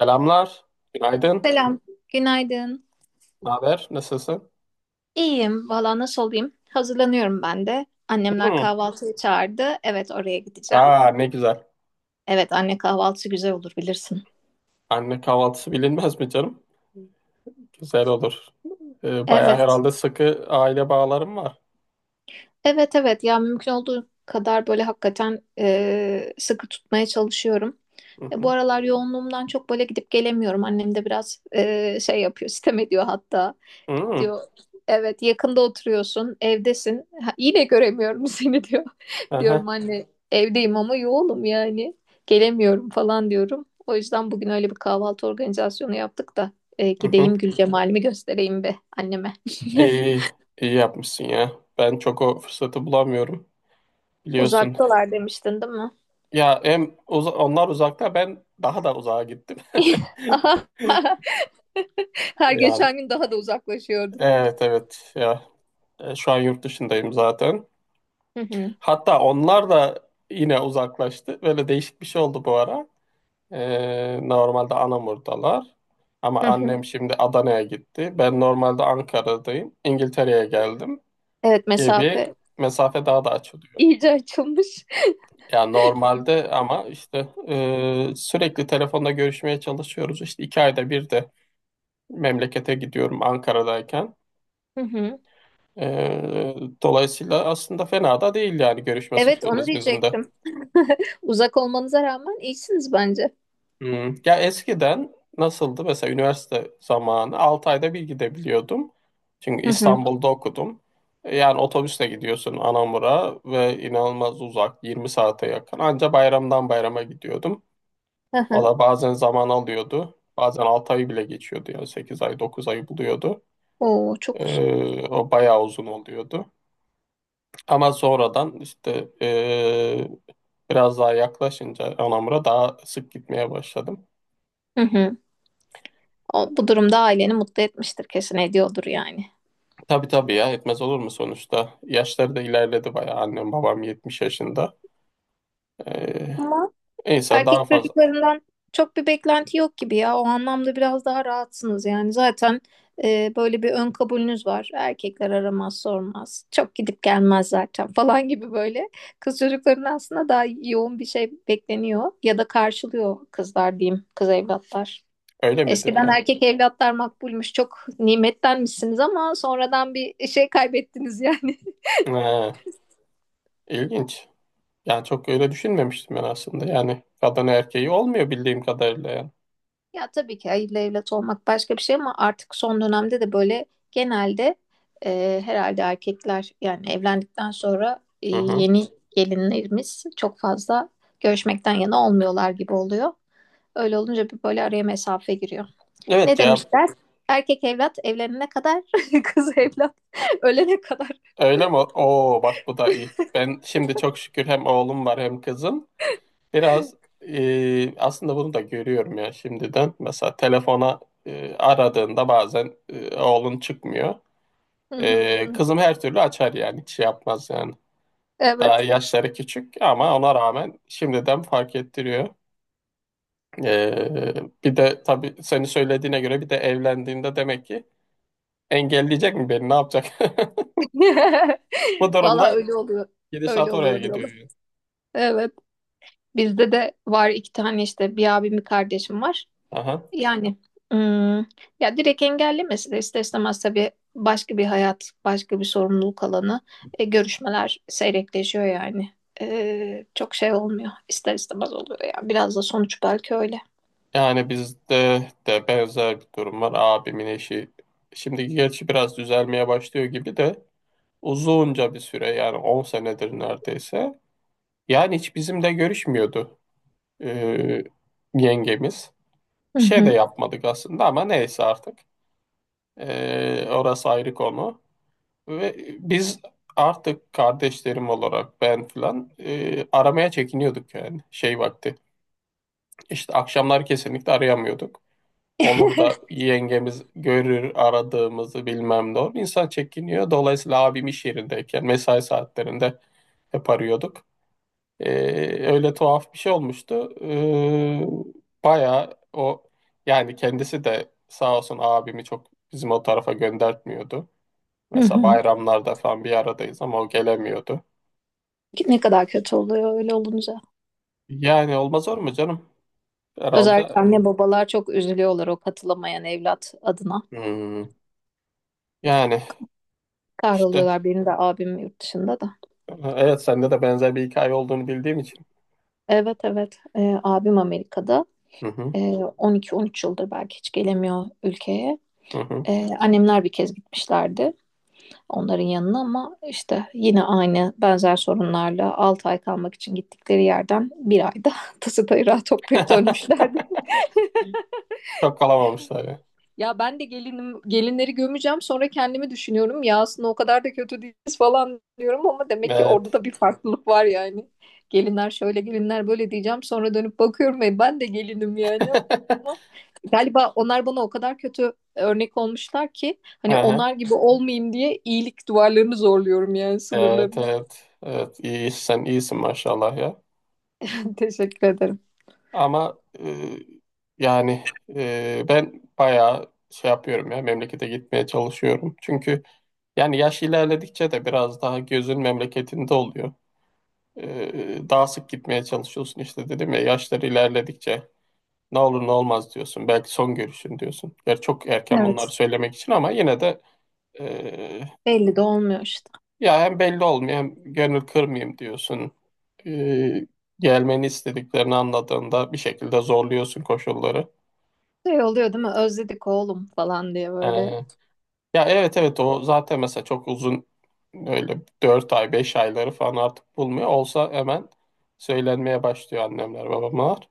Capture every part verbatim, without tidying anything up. Selamlar, günaydın, Selam, günaydın. ne haber, nasılsın? İyiyim, valla nasıl olayım? Hazırlanıyorum ben de. Annemler Hmm. kahvaltıya çağırdı. Evet, oraya gideceğim. Aa ne güzel. Evet, anne kahvaltısı güzel olur bilirsin. Anne kahvaltısı bilinmez mi canım? Güzel olur. Ee, bayağı Evet, herhalde sıkı aile bağlarım var. evet, evet. Ya mümkün olduğu kadar böyle hakikaten e, sıkı tutmaya çalışıyorum. Hı E, bu hı. aralar yoğunluğumdan çok böyle gidip gelemiyorum. Annem de biraz e, şey yapıyor, sitem ediyor hatta. Hmm. Diyor. Evet, yakında oturuyorsun, evdesin. Ha, yine göremiyorum seni, diyor. Aha. Diyorum anne, evdeyim ama yoğunum yani. Gelemiyorum falan diyorum. O yüzden bugün öyle bir kahvaltı organizasyonu yaptık da e, Hı hı. gideyim Gül Cemal'imi göstereyim be anneme. İyi, iyi yapmışsın ya. Ben çok o fırsatı bulamıyorum, biliyorsun. Uzaktalar demiştin değil mi? Ya hem uza- onlar uzakta, ben daha da uzağa gittim. Aha. Her Yani geçen gün daha da uzaklaşıyordun. evet evet ya. E, Şu an yurt dışındayım zaten. Hı hı, Hatta onlar da yine uzaklaştı. Böyle değişik bir şey oldu bu ara. Ee, normalde Anamur'dalar. Ama hı hı. annem şimdi Adana'ya gitti. Ben normalde Ankara'dayım. İngiltere'ye geldim Evet, gibi mesafe mesafe daha da açılıyor. iyice açılmış. Yani normalde ama işte e, sürekli telefonda görüşmeye çalışıyoruz. İşte iki ayda bir de memlekete gidiyorum Ankara'dayken. Hı hı. Ee, dolayısıyla aslında fena da değil yani görüşme Evet, onu sıklığımız bizim de. diyecektim. Uzak olmanıza rağmen iyisiniz bence. Hmm. Ya eskiden nasıldı? Mesela üniversite zamanı altı ayda bir gidebiliyordum. Çünkü Hı hı. İstanbul'da okudum. E, Yani otobüsle gidiyorsun Anamur'a ve inanılmaz uzak yirmi saate yakın. Anca bayramdan bayrama gidiyordum. Hı hı. Valla bazen zaman alıyordu. Bazen altı ayı bile geçiyordu yani sekiz ay dokuz ayı buluyordu. Oo, çok uzun. Ee, o bayağı uzun oluyordu. Ama sonradan işte ee, biraz daha yaklaşınca Anamur'a daha sık gitmeye başladım. Hı hı. O, bu durumda aileni mutlu etmiştir kesin, ediyordur yani. Tabii tabii ya etmez olur mu sonuçta? Yaşları da ilerledi bayağı. Annem babam yetmiş yaşında. Ee, Ama insan daha erkek fazla çocuklarından çok bir beklenti yok gibi ya. O anlamda biraz daha rahatsınız yani. Zaten e, böyle bir ön kabulünüz var. Erkekler aramaz, sormaz. Çok gidip gelmez zaten falan gibi böyle. Kız çocuklarının aslında daha yoğun bir şey bekleniyor. Ya da karşılıyor kızlar diyeyim. Kız evlatlar. öyle midir Eskiden ya? erkek evlatlar makbulmuş, çok nimettenmişsiniz ama sonradan bir şey kaybettiniz yani. Ee, ilginç. Yani çok öyle düşünmemiştim ben aslında. Yani kadın erkeği olmuyor bildiğim kadarıyla yani. Ya tabii ki hayırlı evlat olmak başka bir şey ama artık son dönemde de böyle genelde e, herhalde erkekler yani evlendikten sonra e, Hı hı. yeni gelinlerimiz çok fazla görüşmekten yana olmuyorlar gibi oluyor. Öyle olunca bir böyle araya mesafe giriyor. Evet Ne ya demişler? Erkek evlat evlenene kadar, kız evlat ölene kadar. öyle mi? Oo bak bu da iyi. Ben şimdi çok şükür hem oğlum var hem kızım. Biraz e, aslında bunu da görüyorum ya şimdiden. Mesela telefona e, aradığında bazen e, oğlun çıkmıyor. Ee, kızım her türlü açar yani hiç şey yapmaz yani. Daha Evet. yaşları küçük ama ona rağmen şimdiden fark ettiriyor. Ee, bir de tabii seni söylediğine göre bir de evlendiğinde demek ki engelleyecek mi beni ne yapacak? Bu Valla durumda öyle oluyor. Öyle gidişat oraya oluyor gidiyor. diyorlar. Yani. Evet. Bizde de var, iki tane işte, bir abim bir kardeşim var. Aha. Yani hmm, ya direkt engellemesi de ister istemez tabii, başka bir hayat, başka bir sorumluluk alanı. E, görüşmeler seyrekleşiyor yani. E, çok şey olmuyor. İster istemez oluyor yani. Biraz da sonuç belki öyle. Yani bizde de benzer bir durum var. Abimin eşi şimdi gerçi biraz düzelmeye başlıyor gibi de uzunca bir süre yani on senedir neredeyse. Yani hiç bizimle görüşmüyordu. e, yengemiz. Bir Hı şey de hı, yapmadık aslında ama neyse artık. E, orası ayrı konu. Ve biz artık kardeşlerim olarak ben filan e, aramaya çekiniyorduk yani şey vakti. İşte akşamlar kesinlikle arayamıyorduk. Olur da yengemiz görür aradığımızı bilmem ne olur. İnsan çekiniyor. Dolayısıyla abim iş yerindeyken mesai saatlerinde hep arıyorduk. Ee, öyle tuhaf bir şey olmuştu. Ee, bayağı o yani kendisi de sağ olsun abimi çok bizim o tarafa göndertmiyordu. hı Mesela hı. bayramlarda falan bir aradayız ama o gelemiyordu. Ne kadar kötü oluyor öyle olunca. Yani olmaz olur mu canım? Herhalde Özellikle anne babalar çok üzülüyorlar o katılamayan evlat adına. hmm, yani işte Kahroluyorlar, benim de abim yurt dışında da. evet sende de benzer bir hikaye olduğunu bildiğim için. Evet, evet. Ee, abim Amerika'da. Hı hı, Ee, on iki on üç yıldır belki hiç gelemiyor ülkeye. hı hı. Ee, annemler bir kez gitmişlerdi onların yanına ama işte yine aynı benzer sorunlarla altı ay kalmak için gittikleri yerden bir ayda tası tarağı toplayıp dönmüşlerdi. Çok kalamamışlar ya. Ya ben de gelinim, gelinleri gömeceğim, sonra kendimi düşünüyorum. Ya aslında o kadar da kötü değiliz falan diyorum ama demek ki orada Evet. da bir farklılık var yani. Gelinler şöyle, gelinler böyle diyeceğim, sonra dönüp bakıyorum ve ben de gelinim yani, ama galiba onlar bana o kadar kötü örnek olmuşlar ki hani Aha, onlar gibi olmayayım diye iyilik duvarlarını zorluyorum yani, evet, sınırlarını. evet, evet. İyi, sen iyisin maşallah ya. Teşekkür ederim. Ama e, yani e, ben bayağı şey yapıyorum ya memlekete gitmeye çalışıyorum. Çünkü yani yaş ilerledikçe de biraz daha gözün memleketinde oluyor. E, daha sık gitmeye çalışıyorsun işte dedim ya yaşlar ilerledikçe ne olur ne olmaz diyorsun. Belki son görüşün diyorsun. Gerçi çok erken bunları Evet. söylemek için ama yine de e, Belli de olmuyor işte. ya hem belli olmuyor hem gönül kırmayayım diyorsun. E, gelmeni istediklerini anladığında bir şekilde zorluyorsun koşulları. Şey oluyor değil mi? Özledik oğlum falan diye E, böyle. Ya evet evet o zaten mesela çok uzun öyle dört ay beş ayları falan artık bulmuyor. Olsa hemen söylenmeye başlıyor annemler babamlar.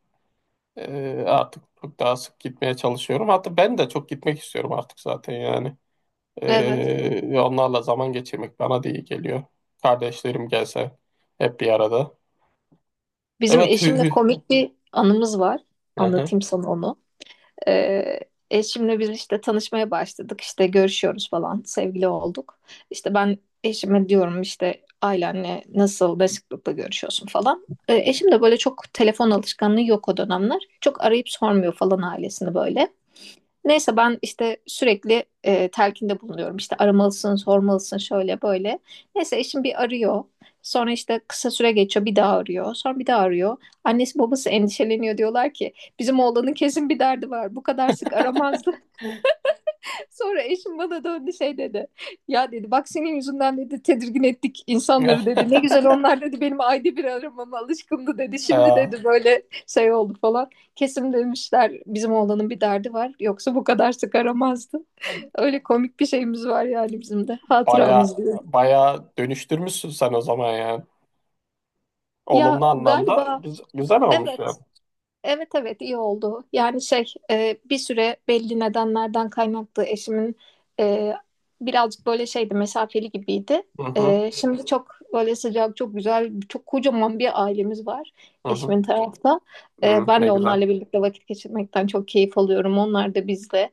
Ee, artık çok daha sık gitmeye çalışıyorum. Hatta ben de çok gitmek istiyorum artık zaten yani. Evet. Ee, onlarla zaman geçirmek bana da iyi geliyor. Kardeşlerim gelse hep bir arada. Bizim Evet hü eşimle hü. komik bir anımız var. Hı. Anlatayım sana onu. Ee, eşimle biz işte tanışmaya başladık. İşte görüşüyoruz falan. Sevgili olduk. İşte ben eşime diyorum, işte ailenle nasıl, ne sıklıkla görüşüyorsun falan. Ee, eşim de böyle çok telefon alışkanlığı yok o dönemler. Çok arayıp sormuyor falan ailesini böyle. Neyse ben işte sürekli e, telkinde bulunuyorum. İşte aramalısın, sormalısın, şöyle böyle. Neyse eşim bir arıyor. Sonra işte kısa süre geçiyor, bir daha arıyor. Sonra bir daha arıyor. Annesi babası endişeleniyor, diyorlar ki bizim oğlanın kesin bir derdi var. Bu kadar sık aramazdı. Sonra eşim bana döndü, şey dedi. Ya dedi, bak senin yüzünden dedi, tedirgin ettik insanları dedi. Ne güzel, onlar dedi benim ayda bir aramama alışkındı dedi. Şimdi Ee, dedi böyle şey oldu falan. Kesin demişler bizim oğlanın bir derdi var. Yoksa bu kadar sık aramazdı. Öyle komik bir şeyimiz var yani, bizim de baya hatıramız, diyor. baya dönüştürmüşsün sen o zaman yani. Ya Olumlu anlamda galiba, güz- güzel olmuş evet. yani. Evet, evet, iyi oldu. Yani şey, e, bir süre belli nedenlerden kaynaklı eşimin e, birazcık böyle şeydi, mesafeli gibiydi. Hı hı, E, şimdi çok böyle sıcak, çok güzel, çok kocaman bir ailemiz var hı hı. eşimin tarafta. E, Hı, Ben ne de güzel. onlarla birlikte vakit geçirmekten çok keyif alıyorum. Onlar da bizle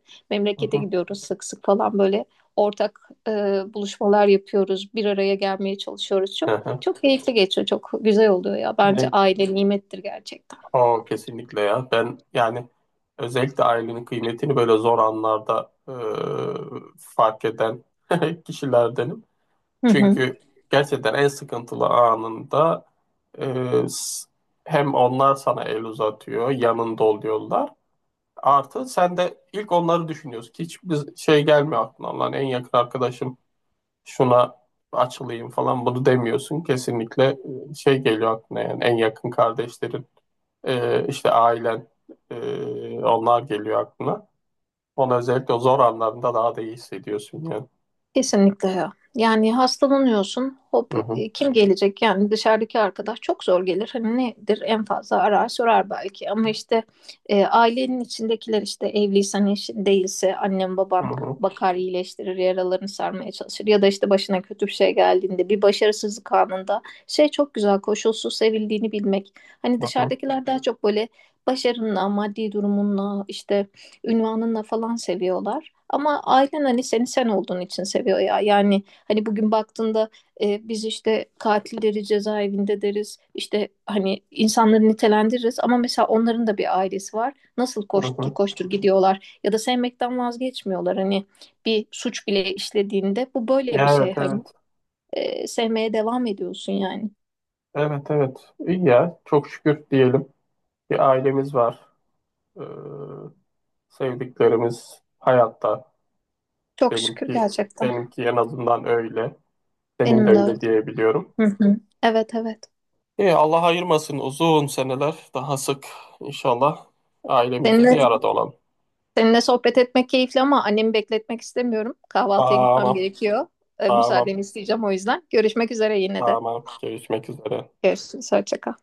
Hı memlekete hı, gidiyoruz sık sık falan, böyle ortak e, buluşmalar yapıyoruz. Bir araya gelmeye çalışıyoruz hı çok. hı. Çok keyifli geçiyor, çok güzel oluyor ya. Bence Ne, aile nimettir gerçekten. o kesinlikle ya. Ben yani özellikle ailenin kıymetini böyle zor anlarda e, fark eden kişilerdenim. Hı hı. Çünkü gerçekten en sıkıntılı anında e, s- hem onlar sana el uzatıyor, yanında oluyorlar. Artı sen de ilk onları düşünüyorsun ki hiçbir şey gelmiyor aklına. Lan en yakın arkadaşım şuna açılayım falan bunu demiyorsun. Kesinlikle e, şey geliyor aklına yani en yakın kardeşlerin e, işte ailen e, onlar geliyor aklına. Onu özellikle o zor anlarında daha da iyi hissediyorsun yani. Kesinlikle ya. Yani hastalanıyorsun. Hop, Hı hı, e, kim gelecek? Yani dışarıdaki arkadaş çok zor gelir. Hani nedir? En fazla arar, sorar belki. Ama işte e, ailenin içindekiler, işte evliysen eşin, değilse annen hı baban hı, bakar, iyileştirir, yaralarını sarmaya çalışır. Ya da işte başına kötü bir şey geldiğinde, bir başarısızlık anında, şey, çok güzel koşulsuz sevildiğini bilmek. Hani hı hı, dışarıdakiler daha çok böyle başarınla, maddi durumunla, işte ünvanınla falan seviyorlar. Ama ailen hani seni sen olduğun için seviyor ya. Yani hani bugün baktığında e, biz işte katilleri cezaevinde deriz. İşte hani insanları nitelendiririz. Ama mesela onların da bir ailesi var. Nasıl hı koştur hı. koştur gidiyorlar. Ya da sevmekten vazgeçmiyorlar. Hani bir suç bile işlediğinde bu böyle bir Ya evet şey. evet. Hani e, sevmeye devam ediyorsun yani. Evet evet. İyi ya. Çok şükür diyelim. Bir ailemiz var. Ee, sevdiklerimiz hayatta. Çok şükür Benimki gerçekten. benimki en azından öyle. Senin de Benim de öyle. öyle diyebiliyorum. Hı hı. Evet, evet. İyi, Allah ayırmasın uzun seneler daha sık inşallah Senin ailemizle bir de- arada olalım. Seninle sohbet etmek keyifli ama annemi bekletmek istemiyorum. Kahvaltıya gitmem Tamam, gerekiyor. Ee, tamam, Müsaadeni isteyeceğim o yüzden. Görüşmek üzere yine de. tamam. Görüşmek üzere. Görüşürüz. Hoşça kal.